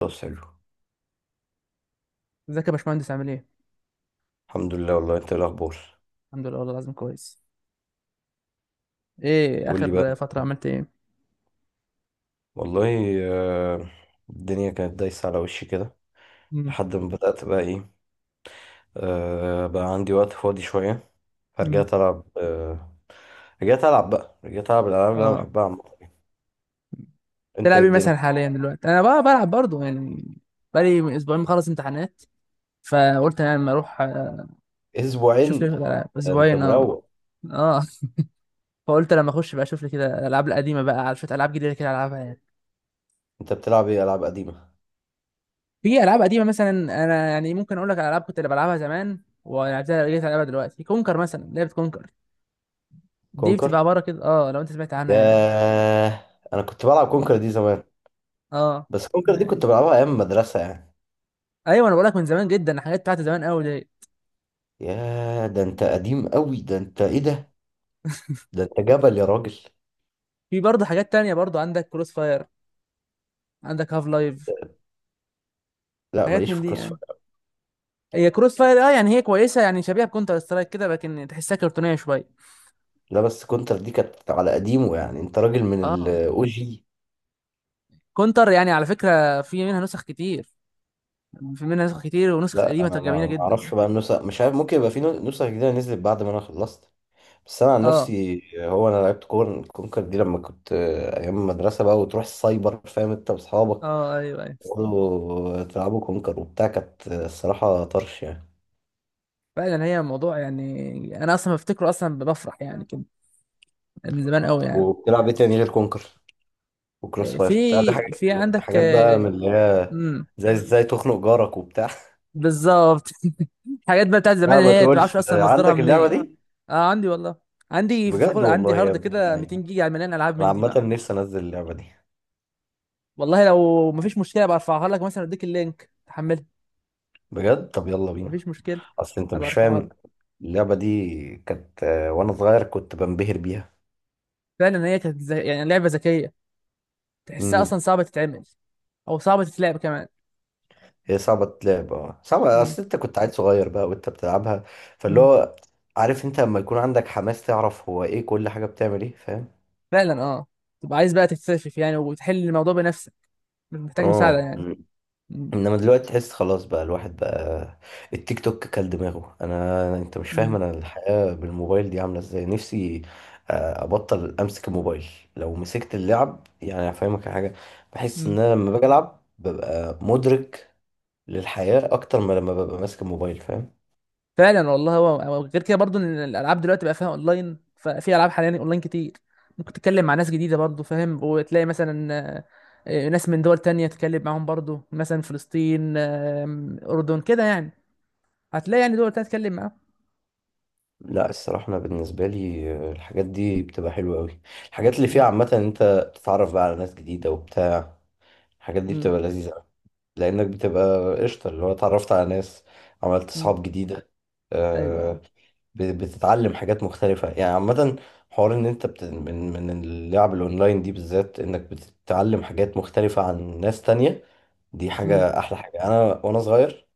خلاص حلو. ازيك يا باشمهندس، عامل ايه؟ الحمد لله، والله انت ايه الاخبار؟ الحمد لله، والله العظيم كويس. ايه قول لي بقى. اخر فترة، عملت ايه؟ والله. آه، الدنيا كانت دايسه على وشي كده. امم لحد ما بدات بقى ايه، بقى عندي وقت فاضي شويه. امم فرجعت العب، رجعت العب الالعاب اللي انا اه. بحبها عامه. انت تلعب ايه ايه مثلا الدنيا؟ حاليا دلوقتي؟ انا بقى بلعب برضه يعني، بقالي اسبوعين مخلص امتحانات. فقلت يعني لما اروح اشوف اسبوعين؟ لي العاب انت اسبوعين، اه. مروق. اه، فقلت لما اخش بقى اشوف لي كده الالعاب القديمة بقى، على شوية العاب جديدة كده العبها يعني. انت بتلعب ايه؟ العاب قديمه؟ في العاب قديمة مثلا، انا يعني ممكن اقول لك على العاب كنت اللي بلعبها زمان ولعبتها، رجعت العبها دلوقتي. كونكر مثلا، لعبة كونكر دي بتبقى كونكر؟ عبارة كده، اه، لو انت سمعت عنها يعني. ياه، انا كنت بلعب كونكر دي زمان. اه، بس كونكر دي ما- كنت بلعبها ايام مدرسه يعني. ايوه، انا بقولك من زمان جدا، الحاجات بتاعت زمان قوي دي. ياه، ده انت قديم قوي، ده انت ايه ده؟ ده انت جبل يا راجل. في برضه حاجات تانية، برضه عندك كروس فاير، عندك هاف لايف، لا، حاجات ماليش من في دي كروس يعني. فاير. هي كروس فاير، اه يعني هي كويسه يعني، شبيهه بكونتر سترايك كده، لكن تحسها كرتونيه شويه. لا، بس كونتر دي كانت على قديمه يعني، انت راجل من اه. الاو جي. كونتر يعني على فكره في منها نسخ كتير، في منها نسخ كتير ونسخ لا، قديمه انا ما جميله ما جدا. اعرفش بقى النسخ، مش عارف، ممكن يبقى في نسخ جديده نزلت بعد ما انا خلصت. بس انا عن اه. نفسي، هو انا لعبت كونكر دي لما كنت ايام المدرسه بقى، وتروح السايبر فاهم انت واصحابك، اه، ايوه، ايوه. تقعدوا تلعبوا كونكر وبتاع. كانت الصراحه طرش يعني. فعلا هي موضوع، يعني انا اصلا بفتكره، اصلا بفرح يعني كده، من زمان قوي طب يعني. وبتلعب ايه تاني غير كونكر وكروس فاير؟ بتلعب في حاجات عندك. حاجات بقى من اللي هي امم. زي ازاي تخنق جارك وبتاع؟ بالظبط. الحاجات بقى بتاعت زمان، لا اللي ما هي ما تقولش تعرفش اصلا مصدرها عندك اللعبه منين. دي! اه، عندي والله. عندي بجد فخور، عندي والله يا هارد ابن كده 200 اللعيبة! جيجا مليان العاب انا من دي عامة بقى. نفسي انزل اللعبة دي. والله لو مفيش مشكله برفعها لك، مثلا اديك اللينك تحملها. بجد، طب يلا بينا. مفيش مشكله، اصل انت هبقى مش ارفعها فاهم، لك. اللعبة دي كانت وانا صغير كنت بنبهر بيها. فعلا هي كانت زي يعني لعبه ذكيه، تحسها اصلا امم. صعبه تتعمل، او صعبه تتلعب كمان. هي صعبة تلعب، اه صعبة، مم. اصل انت كنت عيل صغير بقى وانت بتلعبها. فاللي مم. هو، عارف انت لما يكون عندك حماس، تعرف هو ايه كل حاجة بتعمل ايه، فاهم؟ فعلا، اه، تبقى عايز بقى تكتشف يعني وتحل الموضوع بنفسك، مش محتاج مساعده اه. يعني. مم. انما دلوقتي تحس خلاص بقى، الواحد بقى التيك توك كل دماغه. انا، انت مش فاهم، مم. انا الحياة بالموبايل دي عاملة ازاي نفسي ابطل امسك الموبايل. لو مسكت اللعب يعني هفهمك على حاجة. بحس مم. ان انا لما باجي العب ببقى مدرك للحياة اكتر ما لما ببقى ماسك الموبايل، فاهم؟ فعلا والله، هو غير كده برضو، ان الالعاب دلوقتي بقى فيها اونلاين، ففي العاب حاليا اونلاين كتير. ممكن تتكلم مع ناس جديده برضو، فاهم، وتلاقي مثلا ناس من دول تانية تتكلم معاهم برضو، مثلا فلسطين، اردن كده يعني. هتلاقي يعني دول تانية تتكلم معاهم. لا، الصراحة أنا بالنسبة لي الحاجات دي بتبقى حلوة أوي. الحاجات اللي فيها م- عامة، إن أنت بتتعرف بقى على ناس جديدة وبتاع، الحاجات دي م- بتبقى لذيذة. لانك بتبقى قشطه، اللي هو اتعرفت على ناس، عملت م. صحاب جديده، ايوه. آه، بتتعلم حاجات مختلفه يعني عامه. حوار ان انت من اللعب الاونلاين دي بالذات، انك بتتعلم حاجات مختلفه عن ناس تانية. دي م- حاجه، احلى حاجه انا وانا صغير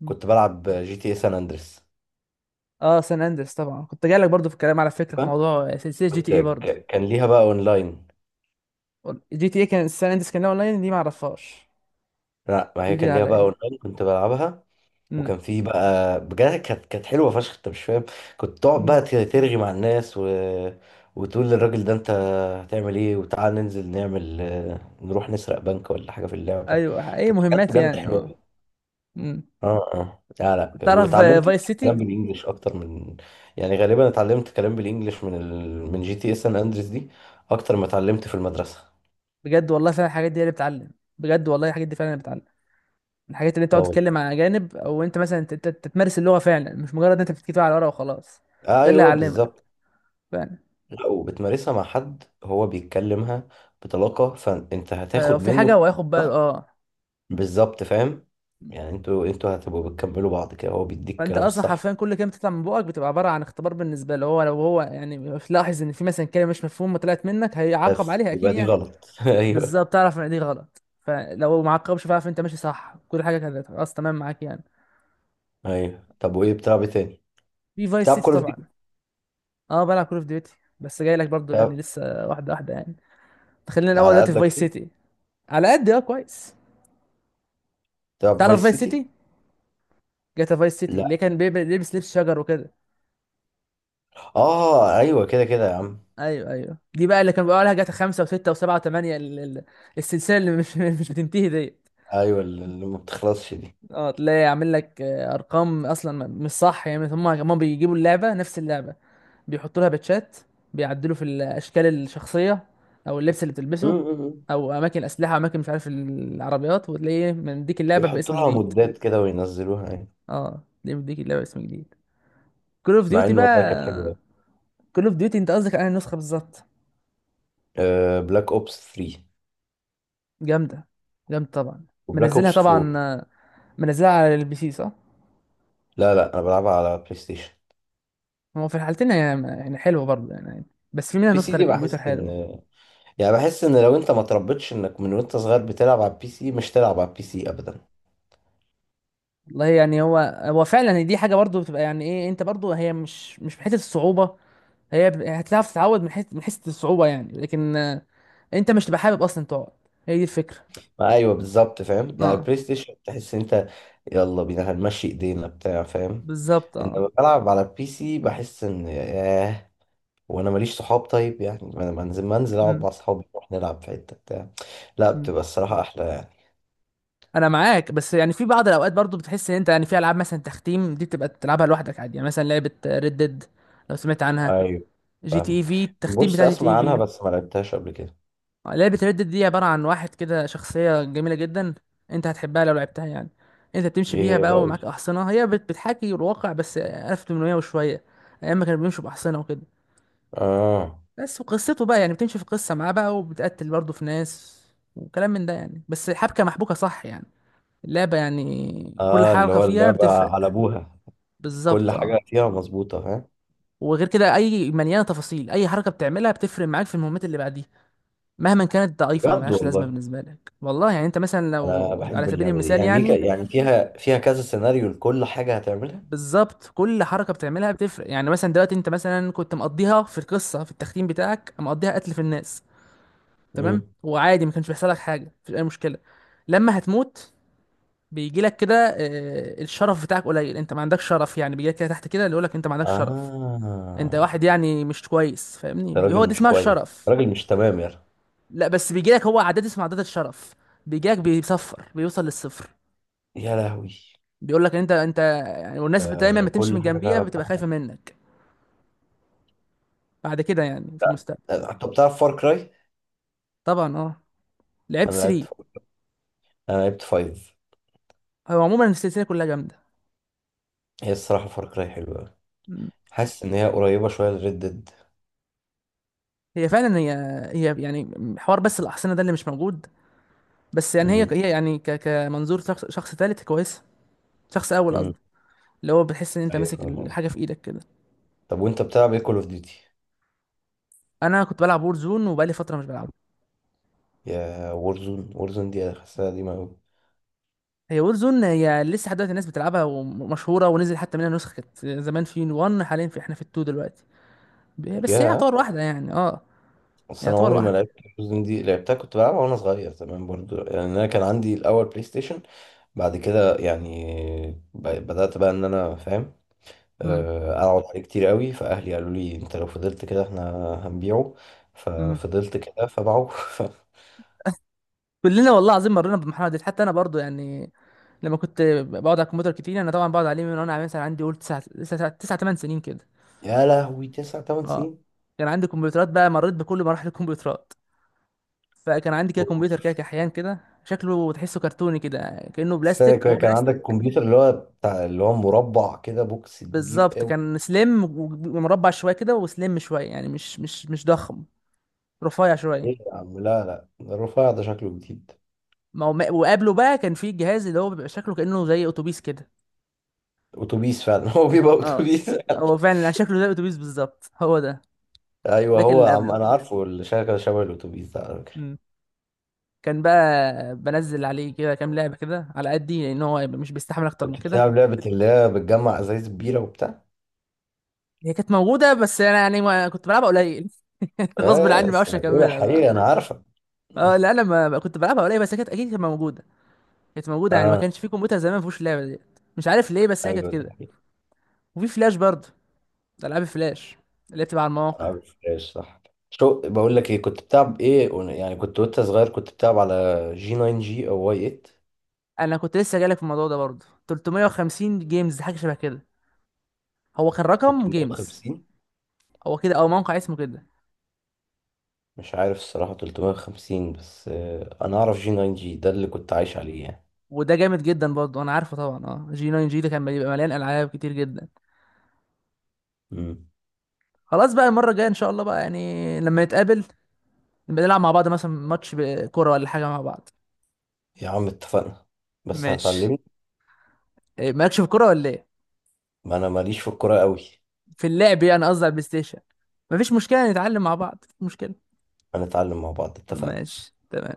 م. كنت بلعب جي تي اي سان اندريس. اه، سان اندرس طبعا، كنت جاي لك برضو في الكلام، على فكره في فاهم؟ موضوع سلسله جي تي كنت اي برضو. كان ليها بقى اونلاين. جي تي اي كان سان اندرس كان لها اونلاين؟ دي ما اعرفهاش، لا، ما دي هي جديده كان ليها بقى عليا. اونلاين كنت بلعبها. م- وكان فيه بقى، بجد كانت حلوه فشخ، انت مش فاهم. كنت تقعد م. بقى ترغي مع الناس، و... وتقول للراجل ده: انت هتعمل ايه، وتعال ننزل نعمل نروح نسرق بنك ولا حاجه في اللعبه. ايوه، اي كانت حاجات مهمات بجد يعني، حلوه اه. أوي. م. اه، اه، لا، لا، تعرف واتعلمت فايس سيتي؟ كلام بالانجلش اكتر من، يعني غالبا اتعلمت كلام بالانجلش من من جي تي اس سان اندريس دي اكتر ما اتعلمت في المدرسه. بجد والله، فعلا الحاجات دي هي اللي بتعلم. بجد والله، الحاجات دي فعلا اللي بتعلم. الحاجات اللي اه بتقعد تتكلم والله. مع اجانب، او انت مثلا تتمارس اللغه فعلا، مش مجرد إن انت بتكتبها على ورقه وخلاص. ده اللي ايوه هيعلمك، بالظبط. فعلا. لا، وبتمارسها مع حد هو بيتكلمها بطلاقة، فانت هتاخد فلو في حاجه منه. هو هياخد صح. باله، اه. بالظبط فاهم، يعني انتوا هتبقوا بتكملوا بعض كده، هو بيديك فانت الكلام اصلا الصح. حرفيا كل كلمه بتطلع من بقك بتبقى عباره عن اختبار بالنسبه له. هو لو هو يعني لاحظ ان في مثلا كلمه مش مفهومه طلعت منك، هيعاقب بس عليها اكيد يبقى دي يعني. غلط. ايوه، بالظبط، تعرف ان دي غلط، فلو ما عاقبش فاعرف انت ماشي صح، كل حاجه كانت خلاص تمام معاك يعني. ايوه. طب وايه بتلعب إيه تاني؟ في فايس بتلعب سيتي كول اوف طبعا. ديوتي؟ اه، بلعب كول اوف ديوتي، بس جاي لك برضو يعني، بتلعب لسه واحده واحده يعني. خلينا الاول على دلوقتي في فايس قدك ايه؟ سيتي. على قد، اه، كويس. بتلعب تعرف فايس فايس سيتي؟ سيتي؟ جاتا فايس سيتي اللي لا. كان بيلبس لبس شجر وكده. اه ايوه، كده كده يا عم. ايوه، ايوه، دي بقى اللي كان بيقولها جاتا خمسة وستة وسبعة وثمانية، السلسله اللي مش مش بتنتهي ديت. ايوه، اللي ما بتخلصش دي. اه، تلاقي عامل لك ارقام اصلا مش صح يعني، هم بيجيبوا اللعبه نفس اللعبه، بيحطوا لها باتشات، بيعدلوا في الاشكال الشخصيه، او اللبس اللي م- بتلبسه، م- م. او اماكن اسلحه، اماكن مش عارف العربيات، وتلاقيه من ديك اللعبه بيحطوا باسم لها جديد. مودات كده وينزلوها يعني. اه، دي من ديك اللعبه باسم جديد، كول اوف مع ديوتي ان والله كانت بقى. حلوه. كول اوف ديوتي، انت قصدك على النسخه بالظبط؟ بلاك اوبس 3 جامده، جامده طبعا. وبلاك منزلها اوبس طبعا، 4. منزلها على البي سي صح؟ لا، لا، انا بلعبها على بلاي ستيشن. هو في الحالتين، يعني حلوه برضه يعني، بس في منها بي سي نسخه دي للكمبيوتر بحس ان، حلوه. يعني بحس ان لو انت ما تربيتش انك من وانت صغير بتلعب على البي سي، مش تلعب على البي سي ابدا. والله يعني هو فعلا دي حاجه برضه بتبقى يعني ايه، انت برضه هي مش في حته الصعوبه. هي هتعرف تتعود من حيث الصعوبة يعني، لكن انت مش تبقى حابب اصلا تقعد، هي دي الفكرة. ما ايوه بالظبط فاهم، يعني اه، البلاي ستيشن تحس ان انت يلا بينا هنمشي ايدينا بتاع، فاهم؟ بالظبط، اه. انما بلعب على البي سي بحس ان ياه، وانا ماليش صحاب طيب يعني، ما انا منزل اقعد امم. مع صحابي نروح نلعب في حته بتاع. لا، أمم. بتبقى الصراحه احلى يعني. انا معاك، بس يعني في بعض الاوقات برضو بتحس ان انت يعني، في العاب مثلا تختيم دي بتبقى تلعبها لوحدك عادي يعني، مثلا لعبة ريد ديد، لو سمعت عنها. ايوه جي تي اي فاهمك. في، التختيم بص، بتاع جي تي اي اسمع عنها في. بس ما لعبتهاش قبل كده. لعبة ريد ديد دي عبارة عن واحد كده، شخصية جميلة جدا، انت هتحبها لو لعبتها يعني. انت بتمشي ايه بيها هي بقى ومعاك بقول؟ احصنة، هي بتحاكي الواقع بس 1800 وشوية، ايام ما كانوا بيمشوا باحصنة وكده. اه، بس وقصته بقى يعني بتمشي في قصة معاه بقى، وبتقتل برضه في ناس وكلام من ده يعني، بس حبكة محبوكة صح يعني، اللعبة يعني كل اه، اللي حركة هو فيها اللعبة على بتفرق. ابوها. كل بالظبط، اه. حاجة فيها مظبوطة، فاهم؟ وغير كده اي مليانة تفاصيل، اي حركة بتعملها بتفرق معاك في المهمات اللي بعديها، مهما كانت ضعيفة او بجد ملهاش لازمة والله. بالنسبة لك، والله يعني. انت مثلا انا لو على بحب سبيل اللعبة دي المثال يعني ليك، يعني، يعني فيها كذا سيناريو لكل حاجة هتعملها. بالظبط، كل حركة بتعملها بتفرق يعني. مثلا دلوقتي انت مثلا كنت مقضيها في القصة، في التختيم بتاعك مقضيها قتل في الناس، تمام، امم. وعادي ما كانش بيحصل لك حاجه، مفيش اي مشكله. لما هتموت، بيجي لك كده الشرف بتاعك قليل، انت ما عندكش شرف يعني، بيجي لك كده تحت كده اللي يقول لك انت ما عندكش شرف، انت واحد اه. يعني مش كويس، فاهمني، ده هو راجل دي مش اسمها كويس، الشرف. راجل مش تمام يا رجل. لا، بس بيجي لك هو عادات اسمها عادات الشرف، بيجي لك بيصفر، بيوصل للصفر. يا لهوي. بيقول لك انت يعني، والناس دايما آه، ما تمشي كل من حاجة جنبيها فعلا بتبقى خايفه بحبها. منك، بعد كده يعني في المستقبل. طب بتعرف فار كراي؟ طبعا، اه، لعبت انا لعبت 3. فار. انا لعبت فايف. هو عموما السلسله كلها جامده. هي الصراحة فار كراي حلوة أوي. مم. حاسس ان هي قريبة شوية لريد ديد. هي فعلا هي، هي يعني حوار، بس الاحصنه ده اللي مش موجود. بس يعني هي امم. هي يعني كمنظور شخص تالت كويس. شخص اول امم. قصدي، اللي هو بتحس ان انت ايوه ماسك فاهم قصدي. الحاجه في ايدك كده. طب وانت بتلعب ايه كول اوف ديوتي؟ انا كنت بلعب وور زون، وبقالي فتره مش بلعبها. يا وورزون! وورزون دي انا حاسسها قديمة أوي. هي وور زون هي لسه لحد دلوقتي الناس بتلعبها ومشهوره، ونزل حتى منها نسخه، كانت زمان في 1، حاليا في احنا في 2 دلوقتي. بس هي يا، يعتبر واحده يعني، اه، بس انا يعتبر عمري ما واحده. لعبت وورزون دي، لعبتها كنت بلعبها وانا صغير زمان برضو يعني. انا كان عندي الاول بلاي ستيشن، بعد كده يعني بدأت بقى ان انا فاهم، امم. اقعد عليه كتير قوي، فاهلي قالوا لي انت لو فضلت كده احنا هنبيعه. امم. ففضلت كده فباعوه. كلنا والله العظيم مرينا بالمرحله دي، حتى انا برضو يعني، لما كنت بقعد على الكمبيوتر كتير. انا طبعا بقعد عليه من وانا مثلا عندي قول 9، 9 8 سنين كده. يا لهوي، تسع تمن اه، سنين؟ كان عندي كمبيوترات بقى، مريت بكل مراحل الكمبيوترات. فكان عندي كده كمبيوتر كده كحيان كده، شكله تحسه كرتوني كده، كأنه استنى بلاستيك، كده، هو كان عندك بلاستيك. كمبيوتر اللي هو بتاع اللي هو مربع كده، بوكس كبير بالظبط، قوي؟ كان سليم ومربع شويه كده، وسليم شويه يعني، مش ضخم، رفيع ايه شويه. يا عم! لا، لا، الرفيع ده شكله جديد. ما هو، وقبله بقى كان في جهاز اللي هو بيبقى شكله كأنه زي اتوبيس كده. اتوبيس فعلا! هو بيبقى اه، اتوبيس فعلا. هو فعلا يعني شكله زي اتوبيس بالظبط، هو ده. ايوه، ده كان هو اللي عم قبله. انا عارفه اللي شغال شبه الاتوبيس ده على فكره. مم. كان بقى بنزل عليه كده كام لعبه كده على قدي، لان هو مش بيستحمل اكتر من كنت كده. بتلعب لعبه اللي هي بتجمع ازايز بيره وبتاع؟ هي كانت موجودة، بس أنا يعني ما كنت بلعبها قليل. غصب عني، ما بس بعرفش بقول أكملها بقى. الحقيقه انا عارفه. اه لا، أنا ما كنت بلعبها قليل، بس هي كانت أكيد كانت موجودة. كانت موجودة يعني، ما اه كانش في كمبيوتر زمان ما فيهوش اللعبة دي. مش عارف ليه، بس هي كانت ايوه، ده كده. حقيقي. وفي فلاش برضه، ألعاب فلاش، اللي بتبقى على المواقع. العاب الفلاش، صح. شو بقول لك ايه، كنت بتلعب ايه يعني كنت وانت صغير كنت بتلعب على جي 9 جي او واي أنا كنت لسه جايلك في الموضوع ده برضه، 350 جيمز حاجة شبه كده. هو كان رقم 8، جيمز، 350؟ هو كده، أو موقع اسمه كده. مش عارف الصراحه 350، بس انا اعرف جي 9 جي ده اللي كنت عايش عليه يعني. وده جامد جدا برضه، أنا عارفه طبعا، اه، جي 9 جي ده كان بيبقى مليان ألعاب كتير جدا. امم. خلاص بقى، المرة الجاية إن شاء الله بقى يعني لما نتقابل، بنلعب مع بعض مثلا ماتش كوره ولا حاجه مع بعض. يا عم اتفقنا، بس ماشي. هتعلمني. إيه، مالكش في الكوره ولا ايه؟ ما انا ماليش في الكوره قوي. في اللعب يعني، قصدي على البلاي ستيشن. مفيش مشكله، نتعلم مع بعض، مفيش مشكله. هنتعلم مع بعض اتفقنا. ماشي، تمام.